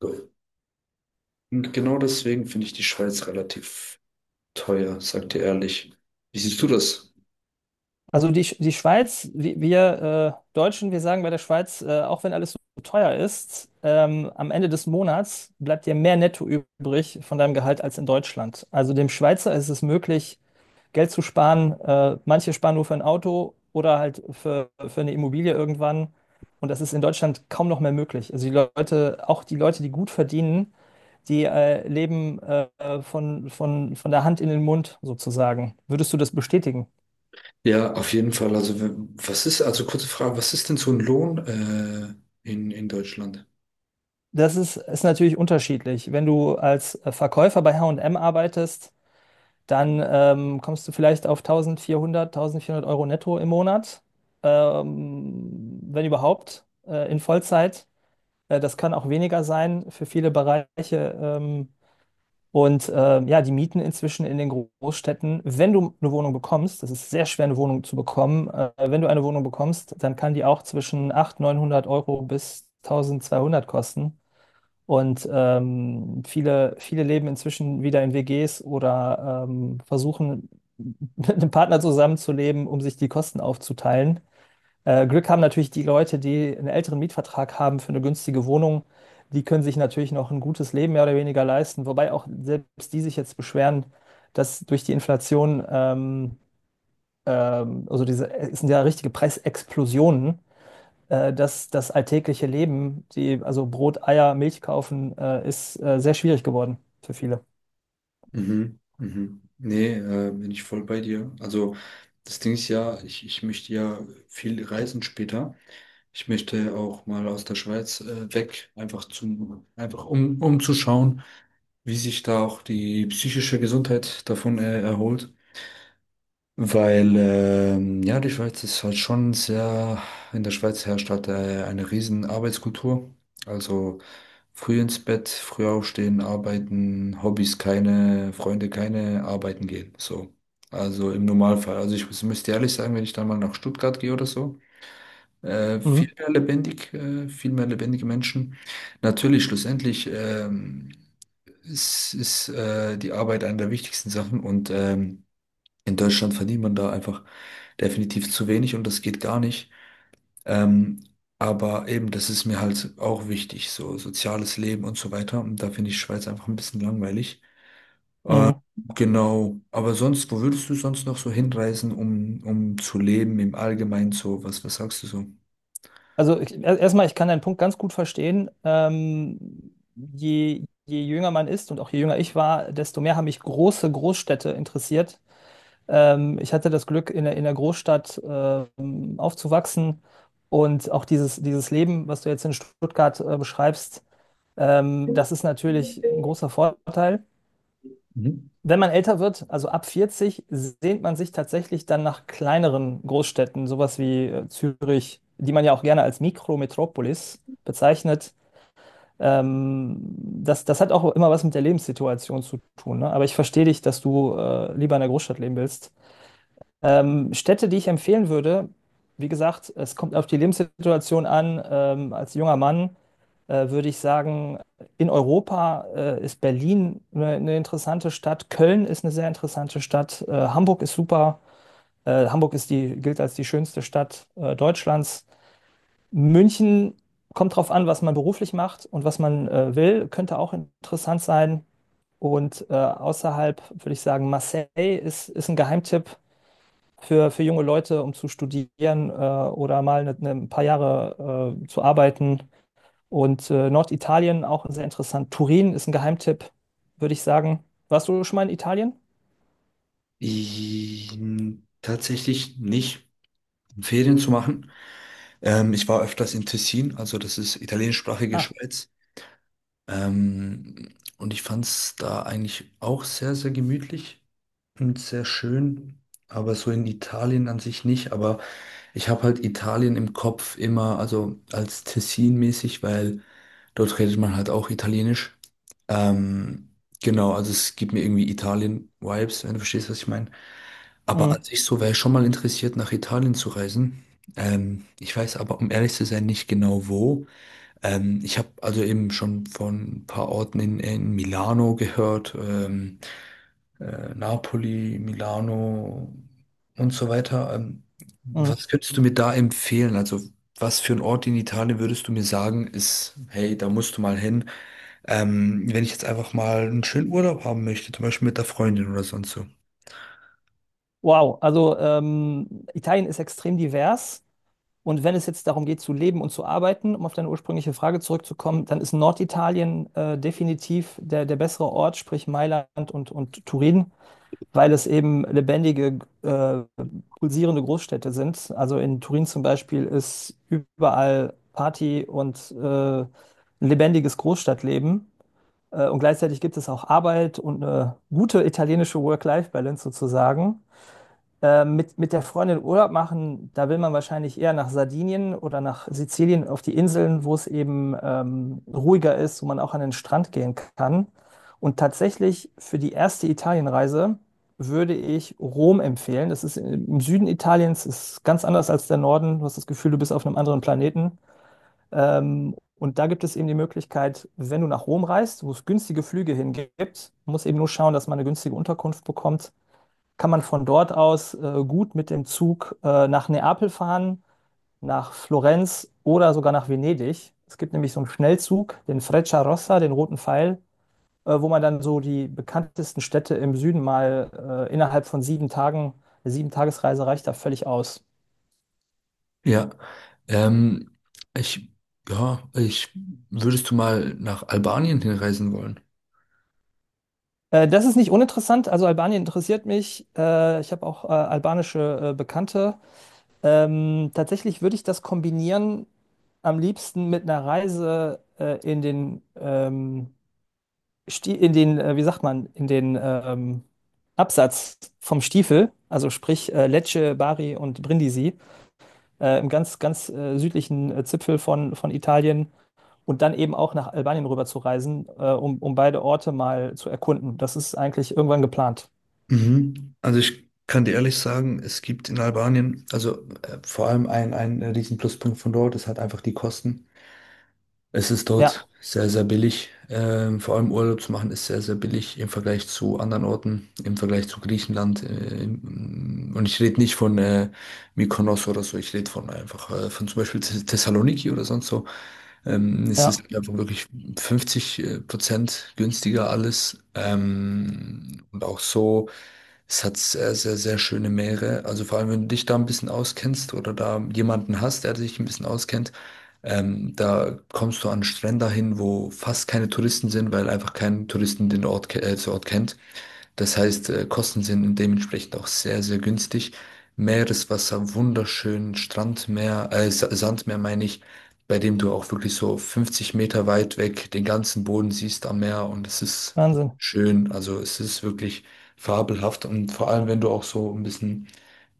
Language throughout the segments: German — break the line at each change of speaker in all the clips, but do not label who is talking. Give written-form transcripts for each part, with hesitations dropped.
Und genau deswegen finde ich die Schweiz relativ teuer, sagt ihr ehrlich. Wie siehst du das?
Also die Schweiz, wir Deutschen, wir sagen bei der Schweiz, auch wenn alles so teuer ist, am Ende des Monats bleibt dir mehr Netto übrig von deinem Gehalt als in Deutschland. Also dem Schweizer ist es möglich, Geld zu sparen. Manche sparen nur für ein Auto oder halt für eine Immobilie irgendwann. Und das ist in Deutschland kaum noch mehr möglich. Also die Leute, auch die Leute, die gut verdienen, die leben von der Hand in den Mund sozusagen. Würdest du das bestätigen?
Ja, auf jeden Fall. Also, was ist, also kurze Frage, was ist denn so ein Lohn in Deutschland?
Das ist natürlich unterschiedlich. Wenn du als Verkäufer bei H&M arbeitest, dann kommst du vielleicht auf 1400 Euro netto im Monat, wenn überhaupt, in Vollzeit. Das kann auch weniger sein für viele Bereiche. Ähm, ja, die Mieten inzwischen in den Großstädten, wenn du eine Wohnung bekommst, das ist sehr schwer, eine Wohnung zu bekommen, wenn du eine Wohnung bekommst, dann kann die auch zwischen 900 Euro bis 1200 kosten. Viele leben inzwischen wieder in WGs oder versuchen, mit einem Partner zusammenzuleben, um sich die Kosten aufzuteilen. Glück haben natürlich die Leute, die einen älteren Mietvertrag haben für eine günstige Wohnung. Die können sich natürlich noch ein gutes Leben mehr oder weniger leisten, wobei auch selbst die sich jetzt beschweren, dass durch die Inflation, es sind ja richtige Preisexplosionen das alltägliche Leben, die, also Brot, Eier, Milch kaufen, ist sehr schwierig geworden für viele.
Mhm, mhm. Nee, bin ich voll bei dir. Also, das Ding ist ja, ich möchte ja viel reisen später. Ich möchte auch mal aus der Schweiz weg, einfach zum, einfach um, um zu schauen, wie sich da auch die psychische Gesundheit davon erholt. Weil, ja, die Schweiz ist halt schon sehr, in der Schweiz herrscht halt eine riesen Arbeitskultur. Also früh ins Bett, früh aufstehen, arbeiten, Hobbys keine, Freunde keine, arbeiten gehen. So. Also im Normalfall. Also ich müsste ehrlich sagen, wenn ich dann mal nach Stuttgart gehe oder so,
Mhm.
viel mehr lebendig, viel mehr lebendige Menschen. Natürlich, schlussendlich ist die Arbeit eine der wichtigsten Sachen und in Deutschland verdient man da einfach definitiv zu wenig und das geht gar nicht. Ähm, aber eben, das ist mir halt auch wichtig, so soziales Leben und so weiter. Und da finde ich Schweiz einfach ein bisschen langweilig.
Mhm.
Genau, aber sonst, wo würdest du sonst noch so hinreisen, um, um zu leben im Allgemeinen so? Was, was sagst du so?
Also erstmal, ich kann deinen Punkt ganz gut verstehen. Je jünger man ist und auch je jünger ich war, desto mehr haben mich große Großstädte interessiert. Ich hatte das Glück, in in der Großstadt aufzuwachsen und auch dieses Leben, was du jetzt in Stuttgart beschreibst, das ist natürlich ein großer Vorteil.
Mhm.
Wenn man älter wird, also ab 40, sehnt man sich tatsächlich dann nach kleineren Großstädten, sowas wie Zürich, die man ja auch gerne als Mikrometropolis bezeichnet. Ähm, das hat auch immer was mit der Lebenssituation zu tun, ne? Aber ich verstehe dich, dass du lieber in der Großstadt leben willst. Städte, die ich empfehlen würde, wie gesagt, es kommt auf die Lebenssituation an. Als junger Mann würde ich sagen, in Europa ist Berlin eine interessante Stadt, Köln ist eine sehr interessante Stadt, Hamburg ist super, Hamburg ist die, gilt als die schönste Stadt Deutschlands. München kommt drauf an, was man beruflich macht und was man will, könnte auch interessant sein. Und außerhalb würde ich sagen, Marseille ist ein Geheimtipp für junge Leute, um zu studieren oder mal ein paar Jahre zu arbeiten. Und Norditalien auch sehr interessant. Turin ist ein Geheimtipp, würde ich sagen. Warst du schon mal in Italien?
Tatsächlich nicht, um Ferien zu machen. Ich war öfters in Tessin, also das ist italienischsprachige
Ah,
Schweiz. Und ich fand es da eigentlich auch sehr, sehr gemütlich. Und sehr schön, aber so in Italien an sich nicht. Aber ich habe halt Italien im Kopf immer, also als Tessin-mäßig, weil dort redet man halt auch Italienisch. Ähm, genau, also es gibt mir irgendwie Italien-Vibes, wenn du verstehst, was ich meine. Aber an
mm,
sich so wäre ich schon mal interessiert, nach Italien zu reisen. Ich weiß aber, um ehrlich zu sein, nicht genau wo. Ich habe also eben schon von ein paar Orten in Milano gehört. Napoli, Milano und so weiter.
mm.
Was könntest du mir da empfehlen? Also, was für ein Ort in Italien würdest du mir sagen, ist, hey, da musst du mal hin, wenn ich jetzt einfach mal einen schönen Urlaub haben möchte, zum Beispiel mit der Freundin oder sonst so?
Wow. Also Italien ist extrem divers. Und wenn es jetzt darum geht, zu leben und zu arbeiten, um auf deine ursprüngliche Frage zurückzukommen, dann ist Norditalien definitiv der bessere Ort, sprich Mailand und Turin. Weil es eben lebendige, pulsierende Großstädte sind. Also in Turin zum Beispiel ist überall Party und ein lebendiges Großstadtleben. Und gleichzeitig gibt es auch Arbeit und eine gute italienische Work-Life-Balance sozusagen. Mit der Freundin Urlaub machen, da will man wahrscheinlich eher nach Sardinien oder nach Sizilien auf die Inseln, wo es eben ruhiger ist, wo man auch an den Strand gehen kann. Und tatsächlich für die erste Italienreise würde ich Rom empfehlen. Das ist im Süden Italiens, ist ganz anders als der Norden. Du hast das Gefühl, du bist auf einem anderen Planeten. Ähm, und da gibt es eben die Möglichkeit, wenn du nach Rom reist, wo es günstige Flüge hingibt, muss eben nur schauen, dass man eine günstige Unterkunft bekommt. Kann man von dort aus gut mit dem Zug nach Neapel fahren, nach Florenz oder sogar nach Venedig. Es gibt nämlich so einen Schnellzug, den Freccia Rossa, den roten Pfeil, wo man dann so die bekanntesten Städte im Süden mal innerhalb von 7 Tagen, eine 7-Tagesreise reicht da völlig aus.
Ja, ähm, ich, ja, würdest du mal nach Albanien hinreisen wollen?
Das ist nicht uninteressant. Also Albanien interessiert mich. Ich habe auch albanische Bekannte. Tatsächlich würde ich das kombinieren am liebsten mit einer Reise in den Sti- in den, wie sagt man, in den Absatz vom Stiefel, also sprich Lecce, Bari und Brindisi, im ganz südlichen Zipfel von Italien und dann eben auch nach Albanien rüber zu reisen, um beide Orte mal zu erkunden. Das ist eigentlich irgendwann geplant.
Mhm. Also ich kann dir ehrlich sagen, es gibt in Albanien, also vor allem ein riesen Pluspunkt von dort ist halt einfach die Kosten. Es ist
Ja,
dort sehr, sehr billig. Vor allem Urlaub zu machen ist sehr, sehr billig im Vergleich zu anderen Orten, im Vergleich zu Griechenland. Und ich rede nicht von Mykonos oder so, ich rede von einfach von zum Beispiel Thessaloniki oder sonst so. Es ist
ja,
einfach wirklich 50% Prozent günstiger alles. Und auch so. Es hat sehr, sehr, sehr schöne Meere. Also vor allem, wenn du dich da ein bisschen auskennst oder da jemanden hast, der sich ein bisschen auskennt, da kommst du an Strände hin, wo fast keine Touristen sind, weil einfach kein Touristen den Ort, den Ort kennt. Das heißt, Kosten sind dementsprechend auch sehr, sehr günstig. Meereswasser, wunderschön, Strandmeer, Sandmeer meine ich, bei dem du auch wirklich so 50 Meter weit weg den ganzen Boden siehst am Meer und es ist
Wahnsinn.
schön. Also es ist wirklich fabelhaft und vor allem, wenn du auch so ein bisschen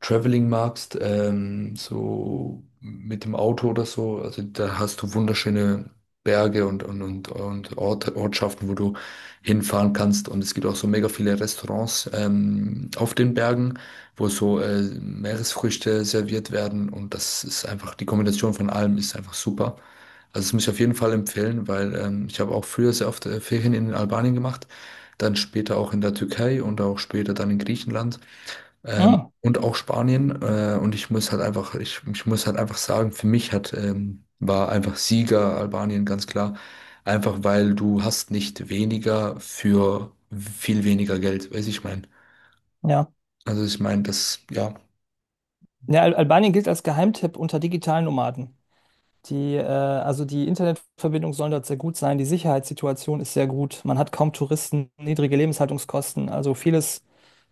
Traveling magst, so mit dem Auto oder so, also da hast du wunderschöne Berge und Orte, Ortschaften, wo du hinfahren kannst. Und es gibt auch so mega viele Restaurants auf den Bergen, wo so Meeresfrüchte serviert werden. Und das ist einfach, die Kombination von allem ist einfach super. Also das muss ich auf jeden Fall empfehlen, weil ich habe auch früher sehr oft Ferien in Albanien gemacht, dann später auch in der Türkei und auch später dann in Griechenland.
Mm,
Und auch Spanien. Und ich muss halt einfach, ich muss halt einfach sagen, für mich hat, war einfach Sieger Albanien ganz klar. Einfach weil du hast nicht weniger für viel weniger Geld, weiß ich mein.
ja.
Also ich meine, das, ja. auf
Ja, Al Albanien gilt als Geheimtipp unter digitalen Nomaden. Die Internetverbindung soll dort sehr gut sein. Die Sicherheitssituation ist sehr gut. Man hat kaum Touristen, niedrige Lebenshaltungskosten. Also vieles,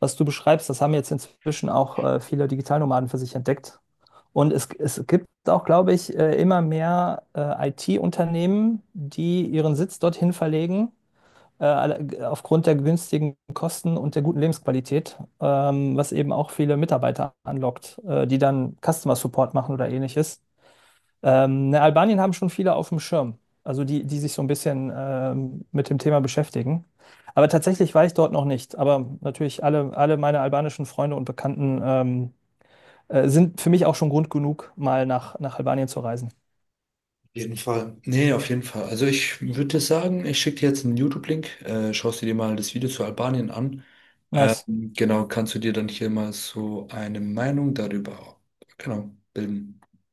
was du beschreibst, das haben jetzt inzwischen auch viele Digitalnomaden für sich entdeckt. Und es gibt auch, glaube ich, immer mehr IT-Unternehmen, die ihren Sitz dorthin verlegen, aufgrund der günstigen Kosten und der guten Lebensqualität, was eben auch viele Mitarbeiter anlockt, die dann Customer Support machen oder ähnliches. Ne, Albanien haben schon viele auf dem Schirm, also die, die sich so ein bisschen mit dem Thema beschäftigen. Aber tatsächlich war ich dort noch nicht. Aber natürlich alle meine albanischen Freunde und Bekannten sind für mich auch schon Grund genug, mal nach Albanien zu reisen.
jeden Fall. Nee, auf jeden Fall. Also ich würde sagen, ich schicke dir jetzt einen YouTube-Link, schaust du dir mal das Video zu Albanien an.
Nice.
Genau, kannst du dir dann hier mal so eine Meinung darüber, genau, bilden.